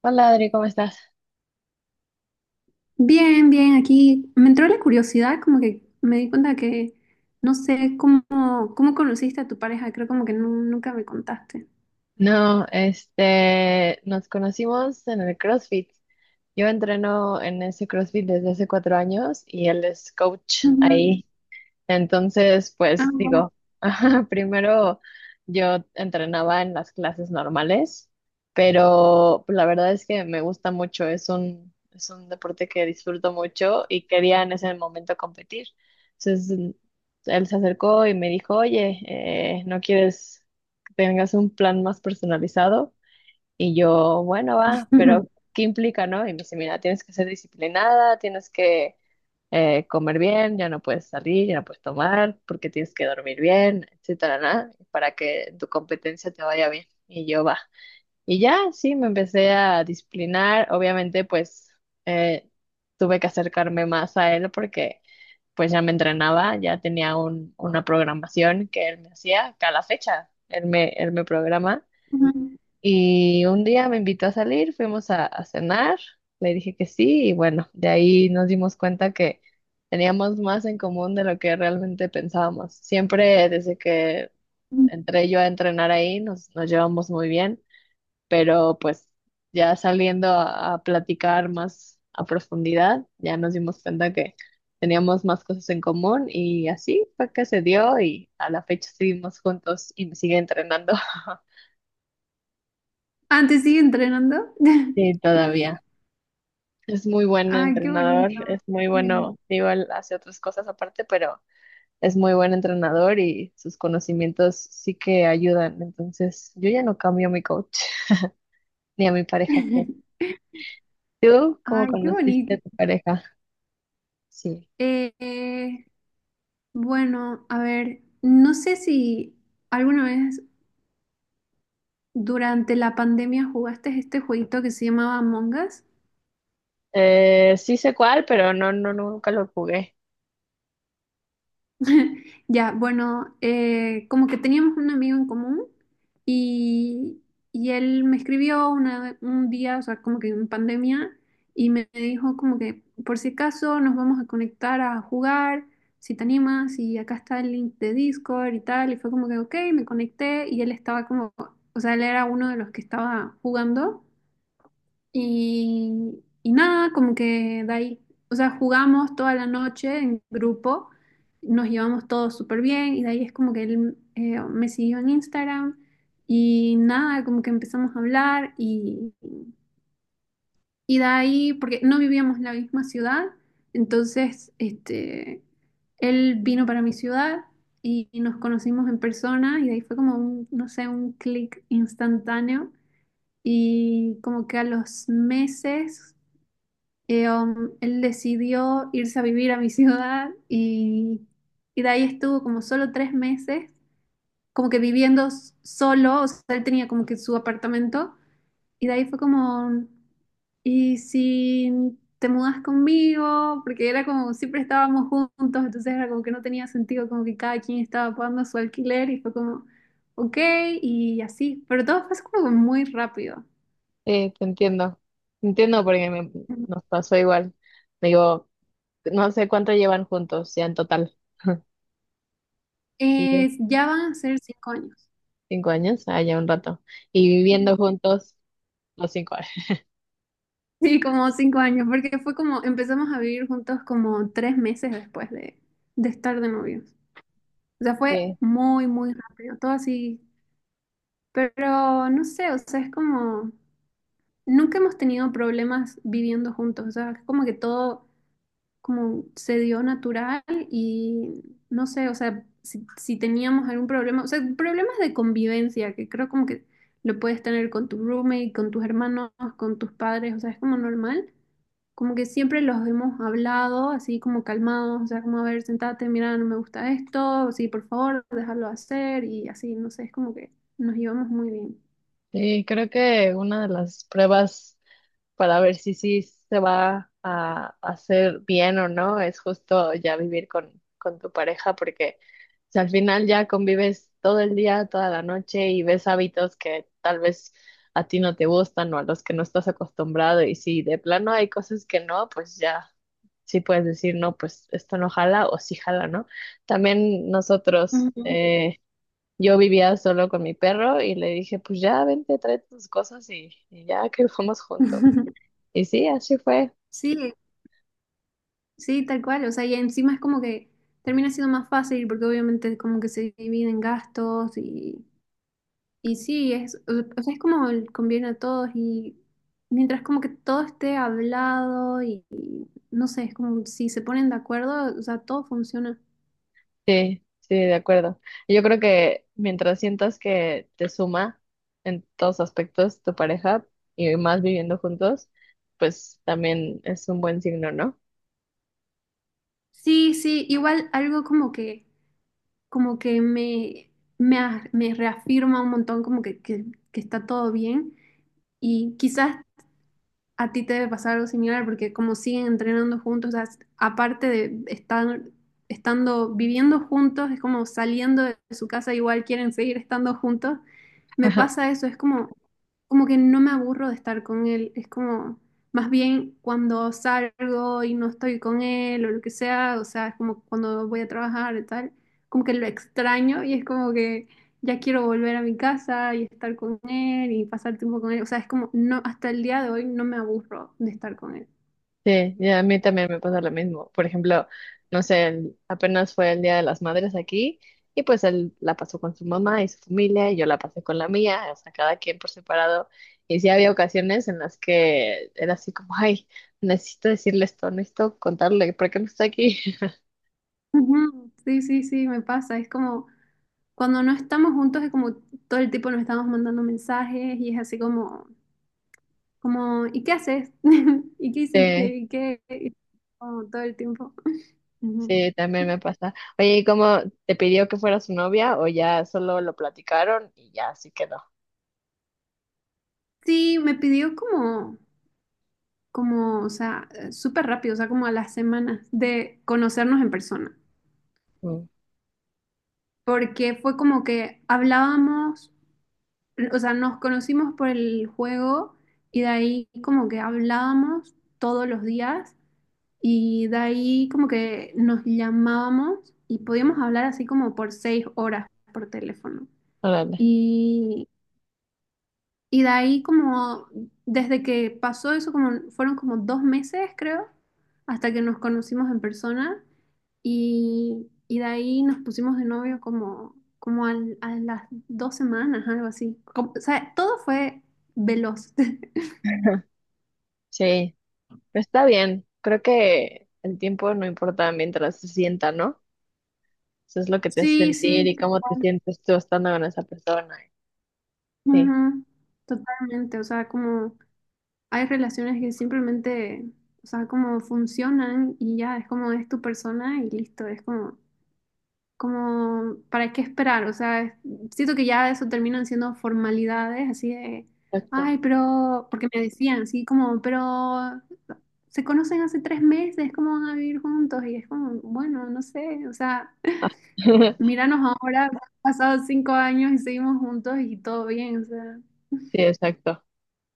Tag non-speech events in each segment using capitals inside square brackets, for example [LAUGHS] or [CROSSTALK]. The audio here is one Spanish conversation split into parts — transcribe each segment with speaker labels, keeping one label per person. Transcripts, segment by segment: Speaker 1: Hola Adri, ¿cómo estás?
Speaker 2: Bien, bien, aquí me entró la curiosidad, como que me di cuenta que no sé cómo conociste a tu pareja, creo como que nunca me contaste.
Speaker 1: No, nos conocimos en el CrossFit. Yo entreno en ese CrossFit desde hace 4 años y él es coach
Speaker 2: Ujú.
Speaker 1: ahí. Entonces,
Speaker 2: Ah,
Speaker 1: pues
Speaker 2: wow.
Speaker 1: digo, [LAUGHS] ajá, primero yo entrenaba en las clases normales, pero pues, la verdad es que me gusta mucho, es un deporte que disfruto mucho y quería en ese momento competir. Entonces, él se acercó y me dijo, oye, ¿no quieres que tengas un plan más personalizado? Y yo, bueno, va,
Speaker 2: Ujú.
Speaker 1: pero ¿qué implica, no? Y me dice, mira, tienes que ser disciplinada, tienes que comer bien, ya no puedes salir, ya no puedes tomar, porque tienes que dormir bien, etcétera, ¿no? Para que tu competencia te vaya bien. Y yo va. Y ya, sí, me empecé a disciplinar. Obviamente, pues eh, tuve que acercarme más a él porque pues ya me entrenaba, ya tenía una programación que él me hacía cada fecha. Él me programa
Speaker 2: Ujú.
Speaker 1: y un día me invitó a salir, fuimos a cenar, le dije que sí y bueno, de ahí nos dimos cuenta que teníamos más en común de lo que realmente pensábamos. Siempre desde que
Speaker 2: Ujú.
Speaker 1: entré yo a entrenar ahí nos llevamos muy bien, pero pues ya saliendo a platicar más a profundidad, ya nos dimos cuenta que teníamos más cosas en común y así fue que se dio y a la fecha seguimos juntos y me sigue entrenando. [LAUGHS]
Speaker 2: Ah, ¿te sigue entrenando? [LAUGHS]
Speaker 1: Sí, todavía. Es muy bueno
Speaker 2: Ay, qué
Speaker 1: entrenador,
Speaker 2: bonito.
Speaker 1: es muy
Speaker 2: Qué bien.
Speaker 1: bueno, igual hace otras cosas aparte, pero es muy buen entrenador y sus conocimientos sí que ayudan. Entonces, yo ya no cambio a mi coach [LAUGHS] ni a mi pareja, creo.
Speaker 2: [LAUGHS]
Speaker 1: ¿Tú cómo
Speaker 2: Ay, qué bonito.
Speaker 1: conociste a tu pareja? Sí.
Speaker 2: Eh, eh, bueno, a ver, no sé si alguna vez durante la pandemia jugaste este jueguito que se llamaba Among Us.
Speaker 1: Sí sé cuál, pero no, no, nunca lo jugué.
Speaker 2: [LAUGHS] Ya, bueno, como que teníamos un amigo en común y, él me escribió un día, o sea, como que en pandemia, y me dijo como que por si acaso nos vamos a conectar a jugar, si te animas, y acá está el link de Discord y tal, y fue como que, ok, me conecté y él estaba como, o sea, él era uno de los que estaba jugando. Y nada, como que de ahí, o sea, jugamos toda la noche en grupo, nos llevamos todos súper bien y de ahí es como que él me siguió en Instagram y nada, como que empezamos a hablar y, de ahí, porque no vivíamos en la misma ciudad, entonces este, él vino para mi ciudad y, nos conocimos en persona y de ahí fue como un, no sé, un clic instantáneo. Y como que a los meses él decidió irse a vivir a mi [LAUGHS] ciudad y, de ahí estuvo como solo 3 meses, como que viviendo solo, o sea, él tenía como que su apartamento y de ahí fue como, ¿y si te mudas conmigo? Porque era como, siempre estábamos juntos, entonces era como que no tenía sentido, como que cada quien estaba pagando su alquiler y fue como, ok, y así, pero todo fue como muy rápido.
Speaker 1: Sí, te entiendo. Te entiendo porque nos pasó igual. Digo, no sé cuánto llevan juntos, ya en total. [LAUGHS] Desde
Speaker 2: Ya van a ser 5 años.
Speaker 1: 5 años, ah, ya un rato. Y viviendo juntos. Los 5 [LAUGHS] años.
Speaker 2: Sí, como 5 años, porque fue como, empezamos a vivir juntos como 3 meses después de estar de novios. O sea, fue
Speaker 1: Sí,
Speaker 2: muy, muy rápido, todo así. Pero no sé, o sea, es como, nunca hemos tenido problemas viviendo juntos, o sea, es como que todo como se dio natural y no sé, o sea, si teníamos algún problema, o sea, problemas de convivencia, que creo como que lo puedes tener con tu roommate, con tus hermanos, con tus padres, o sea, es como normal, como que siempre los hemos hablado así como calmados, o sea, como a ver, sentate, mira, no me gusta esto, sí, por favor, déjalo hacer y así, no sé, es como que nos llevamos muy bien.
Speaker 1: sí, creo que una de las pruebas para ver si sí se va a hacer bien o no es justo ya vivir con tu pareja, porque si al final ya convives todo el día, toda la noche y ves hábitos que tal vez a ti no te gustan o a los que no estás acostumbrado y si de plano hay cosas que no, pues ya sí puedes decir, no, pues esto no jala o sí jala, ¿no? También nosotros.
Speaker 2: Ujú.
Speaker 1: Yo vivía solo con mi perro y le dije, pues ya, vente, trae tus cosas y ya que [LAUGHS] fuimos juntos.
Speaker 2: [LAUGHS]
Speaker 1: Y sí, así fue.
Speaker 2: Sí, sí, tal cual, o sea, y encima es como que termina siendo más fácil porque obviamente como que se dividen gastos y, sí, es, o sea, es como conviene a todos y mientras como que todo esté hablado y, no sé, es como si se ponen de acuerdo, o sea, todo funciona.
Speaker 1: Sí, sí, de acuerdo. Yo creo que mientras sientas que te suma en todos aspectos tu pareja y más viviendo juntos, pues también es un buen signo, ¿no?
Speaker 2: Sí, sí, igual algo como que me reafirma un montón, como que está todo bien. Y quizás a ti te debe pasar algo similar porque como siguen entrenando juntos, o sea, aparte de estar estando viviendo juntos, es como saliendo de su casa, igual quieren seguir estando juntos. Me
Speaker 1: [LAUGHS]
Speaker 2: pasa eso, es como, como que no me aburro de estar con él, es como más bien cuando salgo y no estoy con él o lo que sea, o sea, es como cuando voy a trabajar y tal, como que lo extraño y es como que ya quiero volver a mi casa y estar con él y pasar tiempo con él. O sea, es como, no, hasta el día de hoy no me aburro de estar con él.
Speaker 1: Sí, y a mí también me pasa lo mismo. Por ejemplo, no sé, apenas fue el Día de las Madres aquí y pues él la pasó con su mamá y su familia y yo la pasé con la mía, o sea, cada quien por separado. Y sí había ocasiones en las que era así como, ay, necesito decirle esto, necesito contarle, ¿por qué no está aquí? [LAUGHS]
Speaker 2: Ujú. Sí, sí, sí, me pasa. Es como, cuando no estamos juntos es como todo el tiempo nos estamos mandando mensajes y es así como, ¿y qué haces? [LAUGHS] ¿Y qué
Speaker 1: Sí,
Speaker 2: hiciste? ¿Y qué? Y como todo el tiempo. [LAUGHS] Ujú.
Speaker 1: sí, también me pasa. Oye, ¿y cómo te pidió que fuera su novia o ya solo lo platicaron y ya así quedó?
Speaker 2: Sí, me pidió como, o sea, súper rápido, o sea, como a las semanas de conocernos en persona,
Speaker 1: Mm,
Speaker 2: porque fue como que hablábamos, o sea, nos conocimos por el juego y de ahí como que hablábamos todos los días y de ahí como que nos llamábamos y podíamos hablar así como por 6 horas por teléfono.
Speaker 1: órale.
Speaker 2: Y de ahí como, desde que pasó eso, como fueron como 2 meses, creo, hasta que nos conocimos en persona. Y de ahí nos pusimos de novio como a las 2 semanas, algo así. O sea, todo fue veloz. [LAUGHS]
Speaker 1: [LAUGHS] Sí. Pero está bien, creo que el tiempo no importa mientras se sienta, ¿no? Eso es lo que te hace
Speaker 2: Sí,
Speaker 1: sentir
Speaker 2: sí,
Speaker 1: y cómo te sientes tú estando con esa persona. Sí,
Speaker 2: ujú, totalmente. O sea, como hay relaciones que simplemente, o sea, como funcionan y ya es como es tu persona y listo. Es como, ¿para qué esperar? O sea, siento que ya eso terminan siendo formalidades, así de,
Speaker 1: exacto.
Speaker 2: ay, pero, porque me decían, así como, pero se conocen hace 3 meses, ¿cómo van a vivir juntos? Y es como, bueno, no sé, o sea,
Speaker 1: Ah, [LAUGHS]
Speaker 2: míranos ahora, [LAUGHS] han pasado 5 años y seguimos juntos y todo bien, o sea,
Speaker 1: sí, exacto.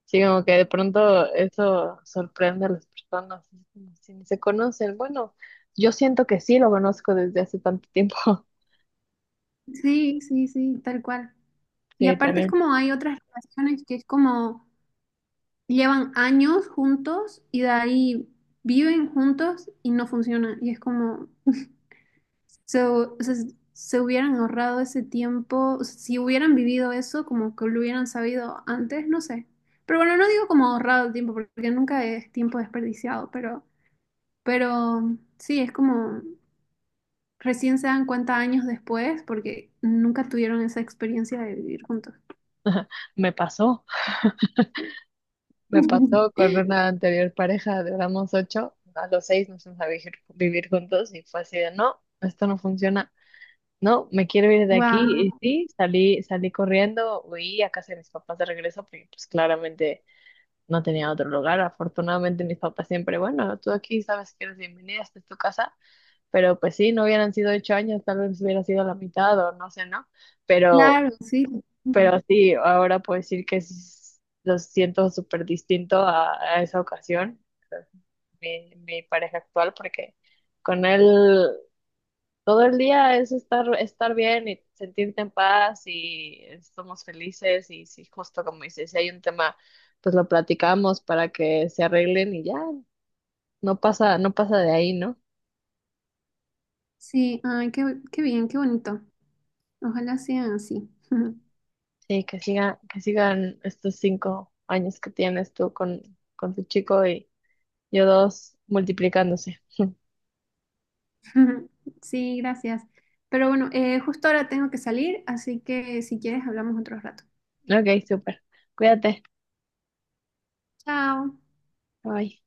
Speaker 1: Sí, como que de pronto eso sorprende a las personas, así como si ni se conocen. Bueno, yo siento que sí lo conozco desde hace tanto tiempo. [LAUGHS]
Speaker 2: sí, sí, sí, tal cual. Y
Speaker 1: Sí,
Speaker 2: aparte es
Speaker 1: también
Speaker 2: como hay otras relaciones que es como llevan años juntos y de ahí viven juntos y no funciona. Y es como, so, o sea, se hubieran ahorrado ese tiempo, o sea, si hubieran vivido eso, como que lo hubieran sabido antes, no sé. Pero bueno, no digo como ahorrado el tiempo, porque nunca es tiempo desperdiciado, pero sí, es como recién se dan cuenta años después, porque nunca tuvieron esa experiencia de vivir juntos.
Speaker 1: me pasó, me pasó
Speaker 2: [LAUGHS]
Speaker 1: con una anterior pareja, duramos ocho, a los seis nos fuimos a vivir, juntos y fue así de, no, esto no funciona. No, me quiero ir de aquí.
Speaker 2: Wow,
Speaker 1: Y sí, salí corriendo, huí a casa de mis papás de regreso, porque pues claramente no tenía otro lugar. Afortunadamente mis papás siempre, bueno, tú aquí sabes que eres bienvenida, esta es tu casa. Pero pues sí, no hubieran sido 8 años, tal vez hubiera sido la mitad o no sé, ¿no? Pero,
Speaker 2: claro, sí.
Speaker 1: pero sí, ahora puedo decir que lo siento súper distinto a esa ocasión, mi pareja actual, porque con él. Todo el día es estar bien y sentirte en paz y estamos felices y si justo como dices, si hay un tema, pues lo platicamos para que se arreglen y ya, no pasa, no pasa de ahí, ¿no?
Speaker 2: Sí, ay, qué bien, qué bonito. Ojalá sean así. [LAUGHS]
Speaker 1: Sí, que siga, que sigan estos 5 años que tienes tú con tu chico y yo dos multiplicándose.
Speaker 2: Ujú. Sí, gracias. Pero bueno, justo ahora tengo que salir, así que si quieres hablamos otro rato.
Speaker 1: Ok, súper. Cuídate.
Speaker 2: Chao.
Speaker 1: Bye.